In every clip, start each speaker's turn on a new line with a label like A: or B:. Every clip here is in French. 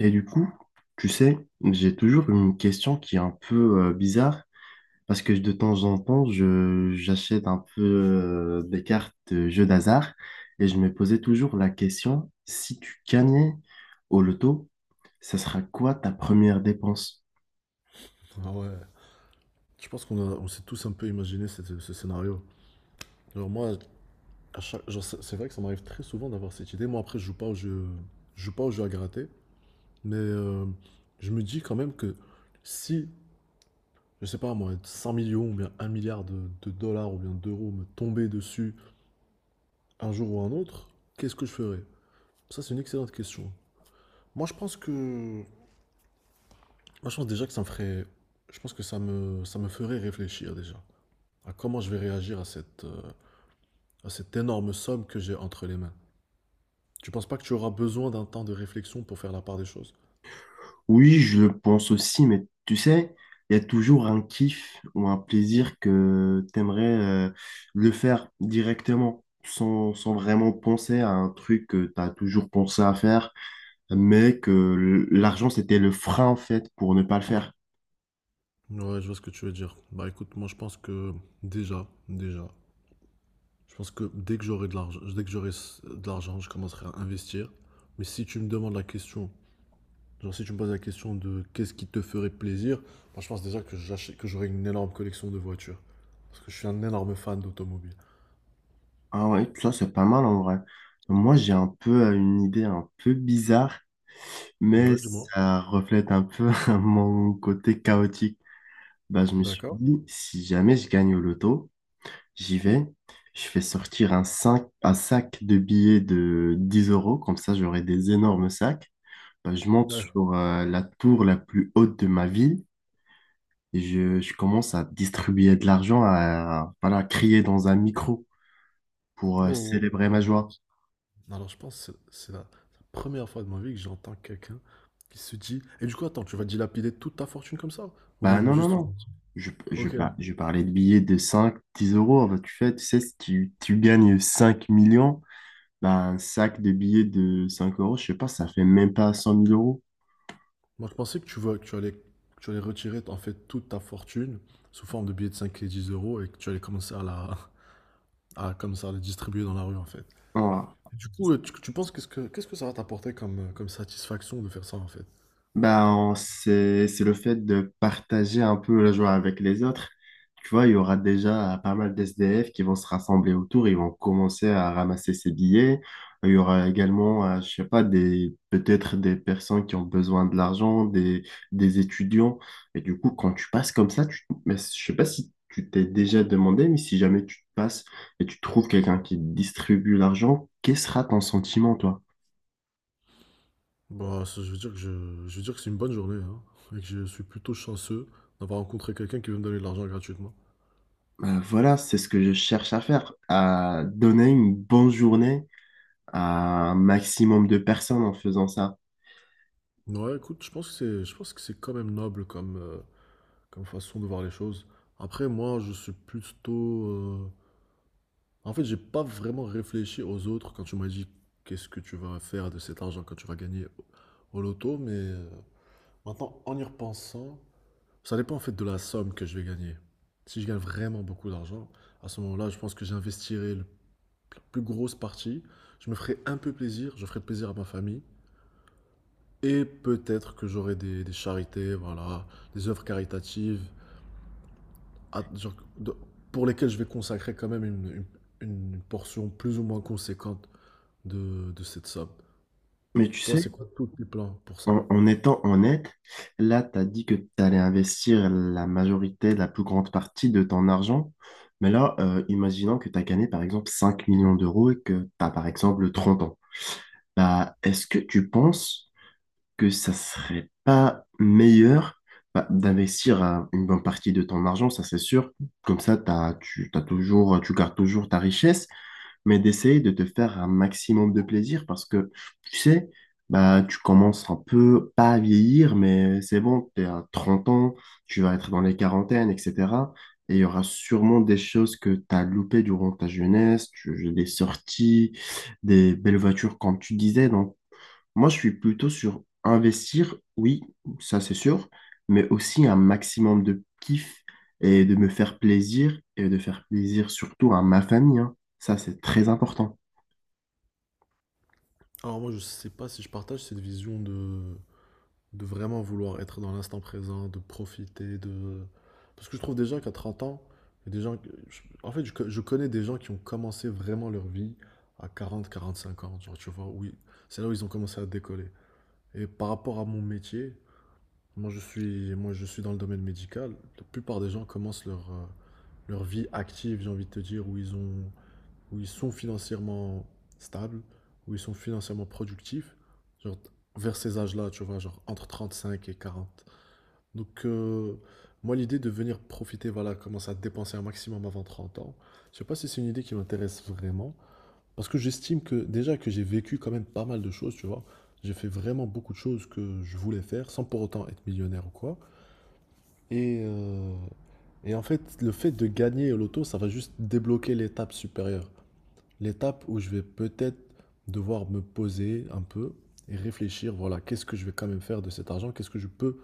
A: Et du coup, tu sais, j'ai toujours une question qui est un peu bizarre parce que de temps en temps, j'achète un peu des cartes de jeux d'hasard et je me posais toujours la question, si tu gagnais au loto, ça sera quoi ta première dépense?
B: Ah ouais. Je pense qu'on s'est tous un peu imaginé ce scénario. Alors moi, genre, c'est vrai que ça m'arrive très souvent d'avoir cette idée. Moi, après, je joue pas au jeu, je joue pas au jeu à gratter, mais je me dis quand même que si, je sais pas moi, 100 millions ou bien 1 milliard de dollars ou bien d'euros me tombaient dessus un jour ou un autre, qu'est-ce que je ferais? Ça, c'est une excellente question. Moi, je pense que, moi, je pense déjà que ça me ferait, je pense que ça me ferait réfléchir déjà à comment je vais réagir à cette énorme somme que j'ai entre les mains. Tu penses pas que tu auras besoin d'un temps de réflexion pour faire la part des choses.
A: Oui, je le pense aussi, mais tu sais, il y a toujours un kiff ou un plaisir que t'aimerais le faire directement sans, vraiment penser à un truc que t'as toujours pensé à faire mais que l'argent, c'était le frein, en fait, pour ne pas le faire.
B: Ouais, je vois ce que tu veux dire. Bah écoute, moi je pense que déjà, je pense que dès que j'aurai de l'argent, dès que de l'argent, je commencerai à investir. Mais si tu me demandes la question, genre si tu me poses la question de qu'est-ce qui te ferait plaisir, moi je pense déjà que j'aurai une énorme collection de voitures. Parce que je suis un énorme fan d'automobile.
A: Ah ouais, ça, c'est pas mal, en vrai. Moi, j'ai un peu une idée un peu bizarre, mais
B: Ouais, du moins.
A: ça reflète un peu mon côté chaotique. Bah, je me suis
B: D'accord.
A: dit, si jamais je gagne au loto, j'y vais, je fais sortir un sac de billets de 10 euros, comme ça, j'aurai des énormes sacs. Bah, je monte
B: D'accord.
A: sur la tour la plus haute de ma ville. Et je commence à distribuer de l'argent, à, voilà, crier dans un micro pour
B: Oh, oh,
A: célébrer ma
B: oh.
A: joie.
B: Alors, je pense que c'est la première fois de ma vie que j'entends quelqu'un qui se dit «Et du coup, attends, tu vas dilapider toute ta fortune comme ça?» Ou même
A: Bah non, non,
B: juste une.
A: non. Je, je,
B: Ok,
A: par- je parlais de billets de 5 10 euros. Bah, tu fais, tu sais, si tu gagnes 5 millions, bah, un sac de billets de 5 euros, je sais pas, ça fait même pas cent mille euros.
B: moi je pensais que tu allais retirer en fait toute ta fortune sous forme de billets de 5 et 10 € et que tu allais commencer comme ça, à les distribuer dans la rue en fait.
A: Voilà.
B: Et du coup, tu penses qu'est-ce que ça va t'apporter comme satisfaction de faire ça en fait?
A: Ben, c'est le fait de partager un peu la joie avec les autres. Tu vois, il y aura déjà pas mal d'SDF qui vont se rassembler autour, ils vont commencer à ramasser ces billets. Il y aura également, je sais pas, des, peut-être des personnes qui ont besoin de l'argent, des étudiants. Et du coup, quand tu passes comme ça, mais je sais pas si tu t'es déjà demandé, mais si jamais tu passes et tu trouves quelqu'un qui distribue l'argent, quel sera ton sentiment?
B: Bah, ça, je veux dire que je veux dire que c'est une bonne journée hein, et que je suis plutôt chanceux d'avoir rencontré quelqu'un qui veut me donner de l'argent gratuitement.
A: Voilà, c'est ce que je cherche à faire, à donner une bonne journée à un maximum de personnes en faisant ça.
B: Ouais, écoute, je pense que c'est quand même noble comme façon de voir les choses. Après, moi, je suis plutôt. En fait, j'ai pas vraiment réfléchi aux autres quand tu m'as dit qu'est-ce que tu vas faire de cet argent quand tu vas gagner au loto, mais maintenant, en y repensant, ça dépend en fait de la somme que je vais gagner. Si je gagne vraiment beaucoup d'argent, à ce moment-là, je pense que j'investirai la plus grosse partie. Je me ferai un peu plaisir, je ferai plaisir à ma famille. Et peut-être que j'aurai des charités, voilà, des œuvres caritatives, genre, pour lesquelles je vais consacrer quand même une- une portion plus ou moins conséquente de cette somme.
A: Mais tu
B: Toi, c'est
A: sais,
B: quoi tous tes plans pour ça?
A: en étant honnête, là, tu as dit que tu allais investir la majorité, la plus grande partie de ton argent. Mais là, imaginons que tu as gagné par exemple 5 millions d'euros et que tu as par exemple 30 ans. Bah, est-ce que tu penses que ça serait pas meilleur, bah, d'investir une bonne partie de ton argent, ça c'est sûr. Comme ça, t'as toujours, tu gardes toujours ta richesse, mais d'essayer de te faire un maximum de plaisir parce que, tu sais, bah, tu commences un peu, pas à vieillir, mais c'est bon, tu es à 30 ans, tu vas être dans les quarantaines, etc. Et il y aura sûrement des choses que tu as loupées durant ta jeunesse, des sorties, des belles voitures, comme tu disais. Donc, moi, je suis plutôt sur investir, oui, ça c'est sûr, mais aussi un maximum de kiff et de me faire plaisir et de faire plaisir surtout à ma famille, hein. Ça c'est très important.
B: Alors moi, je sais pas si je partage cette vision de vraiment vouloir être dans l'instant présent, de profiter, Parce que je trouve déjà qu'à 30 ans, il y a des gens. En fait, je connais des gens qui ont commencé vraiment leur vie à 40, 45 ans, genre, tu vois, oui, c'est là où ils ont commencé à décoller. Et par rapport à mon métier, moi je suis dans le domaine médical. La plupart des gens commencent leur vie active, j'ai envie de te dire, où ils sont financièrement stables, où ils sont financièrement productifs, genre vers ces âges-là, tu vois, genre entre 35 et 40. Donc moi l'idée de venir profiter, voilà, commencer à dépenser un maximum avant 30 ans, je sais pas si c'est une idée qui m'intéresse vraiment, parce que j'estime que déjà que j'ai vécu quand même pas mal de choses, tu vois. J'ai fait vraiment beaucoup de choses que je voulais faire sans pour autant être millionnaire ou quoi. Et, euh, et en fait, le fait de gagner au loto, ça va juste débloquer l'étape supérieure. L'étape où je vais peut-être devoir me poser un peu et réfléchir, voilà, qu'est-ce que je vais quand même faire de cet argent? Qu'est-ce que je peux,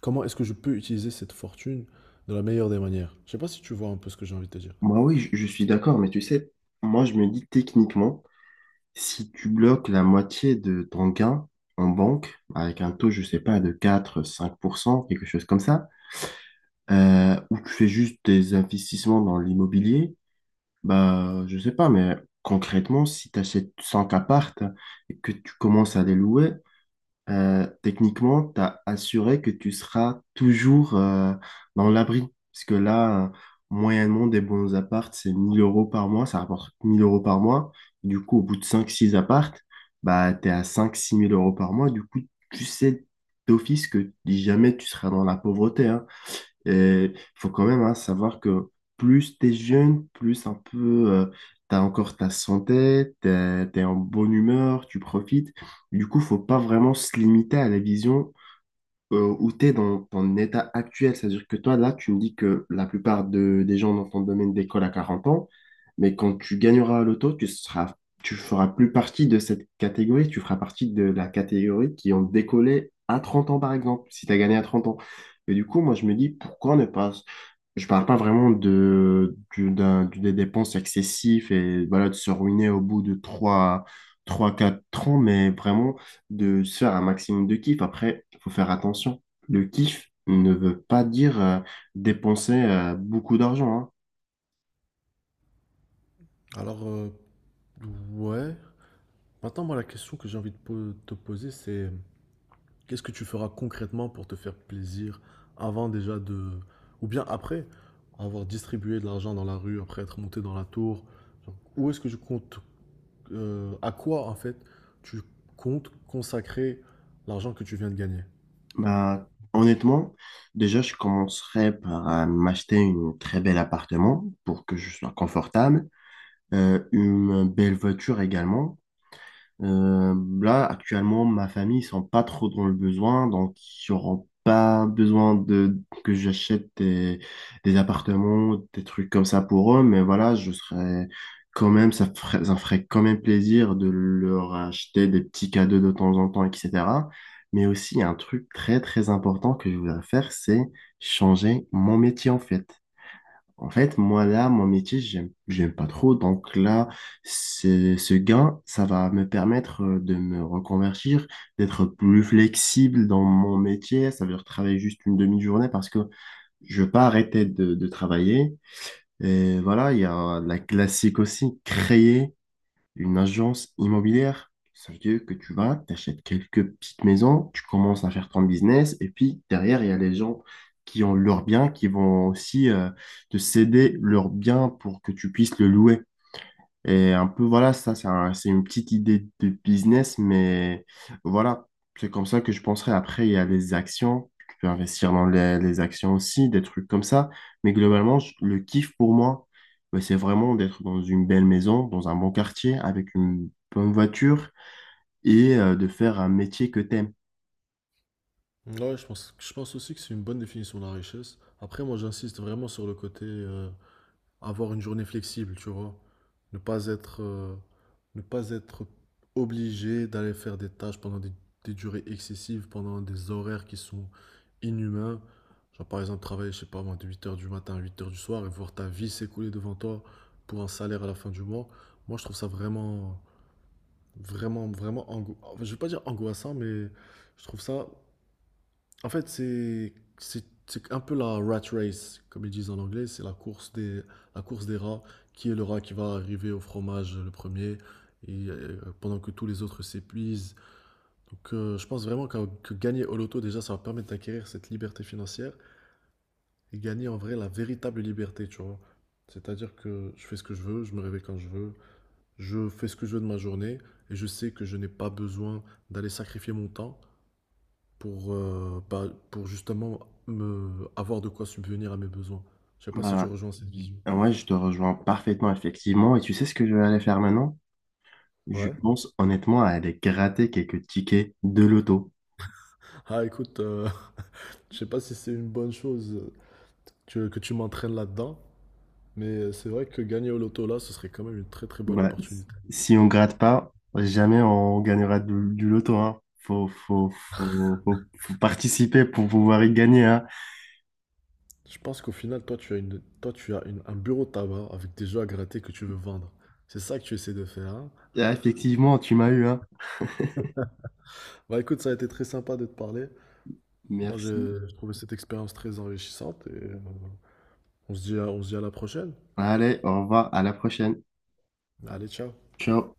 B: Comment est-ce que je peux utiliser cette fortune de la meilleure des manières? Je sais pas si tu vois un peu ce que j'ai envie de te dire.
A: Moi, oui, je suis d'accord, mais tu sais, moi je me dis techniquement, si tu bloques la moitié de ton gain en banque avec un taux, je sais pas, de 4-5 % quelque chose comme ça, ou tu fais juste des investissements dans l'immobilier. Bah, je sais pas, mais concrètement, si tu achètes 5 appartes et que tu commences à les louer, techniquement, tu as assuré que tu seras toujours dans l'abri. Parce que là, moyennement, des bons appartes, c'est 1000 euros par mois, ça rapporte 1000 euros par mois. Du coup, au bout de cinq six appartes, bah, tu es à 5-6 000 € par mois. Du coup, tu sais d'office que jamais tu seras dans la pauvreté, hein. Il faut quand même, hein, savoir que plus t'es jeune, plus un peu, tu as encore ta santé, t'es es, en bonne humeur, tu profites. Du coup, faut pas vraiment se limiter à la vision où tu es dans ton état actuel. C'est-à-dire que toi, là, tu me dis que la plupart des gens dans ton domaine d'école à 40 ans, mais quand tu gagneras à l'auto, tu seras, tu feras plus partie de cette catégorie, tu feras partie de la catégorie qui ont décollé à 30 ans, par exemple, si tu as gagné à 30 ans. Et du coup, moi, je me dis, pourquoi ne pas... Je parle pas vraiment de, du- d'un- du- des dépenses excessives et voilà, de se ruiner au bout de trois 4 ans, mais vraiment de se faire un maximum de kiff. Après, il faut faire attention. Le kiff ne veut pas dire dépenser beaucoup d'argent, hein.
B: Alors, ouais, maintenant, moi, la question que j'ai envie de te poser, c'est qu'est-ce que tu feras concrètement pour te faire plaisir avant déjà de, ou bien après avoir distribué de l'argent dans la rue, après être monté dans la tour? Genre, où est-ce que je compte, à quoi en fait tu comptes consacrer l'argent que tu viens de gagner?
A: Bah, honnêtement, déjà, je commencerai par m'acheter une très bel appartement pour que je sois confortable, une belle voiture également. Euh, Là, actuellement, ma famille, ils sont pas trop dans le besoin, donc ils n'auront pas besoin de que j'achète des appartements, des trucs comme ça pour eux, mais voilà, je serais quand même, ça ferait quand même plaisir de leur acheter des petits cadeaux de temps en temps, etc. Mais aussi, il y a un truc très, très important que je voudrais faire, c'est changer mon métier, en fait. En fait, moi, là, mon métier, j'aime pas trop. Donc là, ce gain, ça va me permettre de me reconvertir, d'être plus flexible dans mon métier. Ça veut dire travailler juste une demi-journée parce que je veux pas arrêter de travailler. Et voilà, il y a la classique aussi, créer une agence immobilière, ça veut dire que tu vas, t'achètes quelques petites maisons, tu commences à faire ton business, et puis derrière, il y a les gens qui ont leurs biens, qui vont aussi te céder leurs biens pour que tu puisses le louer. Et un peu, voilà, ça, c'est une petite idée de business, mais voilà, c'est comme ça que je penserais. Après, il y a les actions, tu peux investir dans les actions aussi, des trucs comme ça. Mais globalement, le kiff pour moi, ben, c'est vraiment d'être dans une belle maison, dans un bon quartier, avec une bonne voiture et de faire un métier que t'aimes.
B: Ouais, je pense aussi que c'est une bonne définition de la richesse. Après, moi, j'insiste vraiment sur le côté, avoir une journée flexible, tu vois. Ne pas être, euh, ne pas être obligé d'aller faire des tâches pendant des durées excessives, pendant des horaires qui sont inhumains. Genre par exemple travailler, je sais pas moi, de 8 h du matin à 8 heures du soir et voir ta vie s'écouler devant toi pour un salaire à la fin du mois. Moi, je trouve ça vraiment, vraiment, vraiment, enfin, je vais pas dire angoissant, mais je trouve ça en fait, c'est c'est un peu la rat race, comme ils disent en anglais. C'est la course des rats. Qui est le rat qui va arriver au fromage le premier pendant que tous les autres s'épuisent. Donc, je pense vraiment que gagner au loto, déjà, ça va permettre d'acquérir cette liberté financière et gagner en vrai la véritable liberté, tu vois. C'est-à-dire que je fais ce que je veux, je me réveille quand je veux, je fais ce que je veux de ma journée et je sais que je n'ai pas besoin d'aller sacrifier mon temps pour justement me avoir de quoi subvenir à mes besoins. Je sais pas si tu
A: Voilà.
B: rejoins cette vision.
A: Ouais, je te rejoins parfaitement, effectivement. Et tu sais ce que je vais aller faire maintenant? Je
B: Ouais.
A: pense honnêtement à aller gratter quelques tickets de loto.
B: Ah écoute, je sais pas si c'est une bonne chose que tu m'entraînes là-dedans, mais c'est vrai que gagner au loto là, ce serait quand même une très très bonne
A: Bah,
B: opportunité.
A: si on gratte pas, jamais on gagnera du loto, hein. Faut participer pour pouvoir y gagner, hein.
B: Je pense qu'au final, toi tu as un bureau de tabac avec des jeux à gratter que tu veux vendre. C'est ça que tu essaies de faire, hein.
A: Ah, effectivement, tu m'as eu, hein.
B: Bah écoute, ça a été très sympa de te parler. Moi,
A: Merci.
B: j'ai trouvé cette expérience très enrichissante et on se dit à la prochaine.
A: Allez, au revoir, à la prochaine.
B: Allez, ciao.
A: Ciao.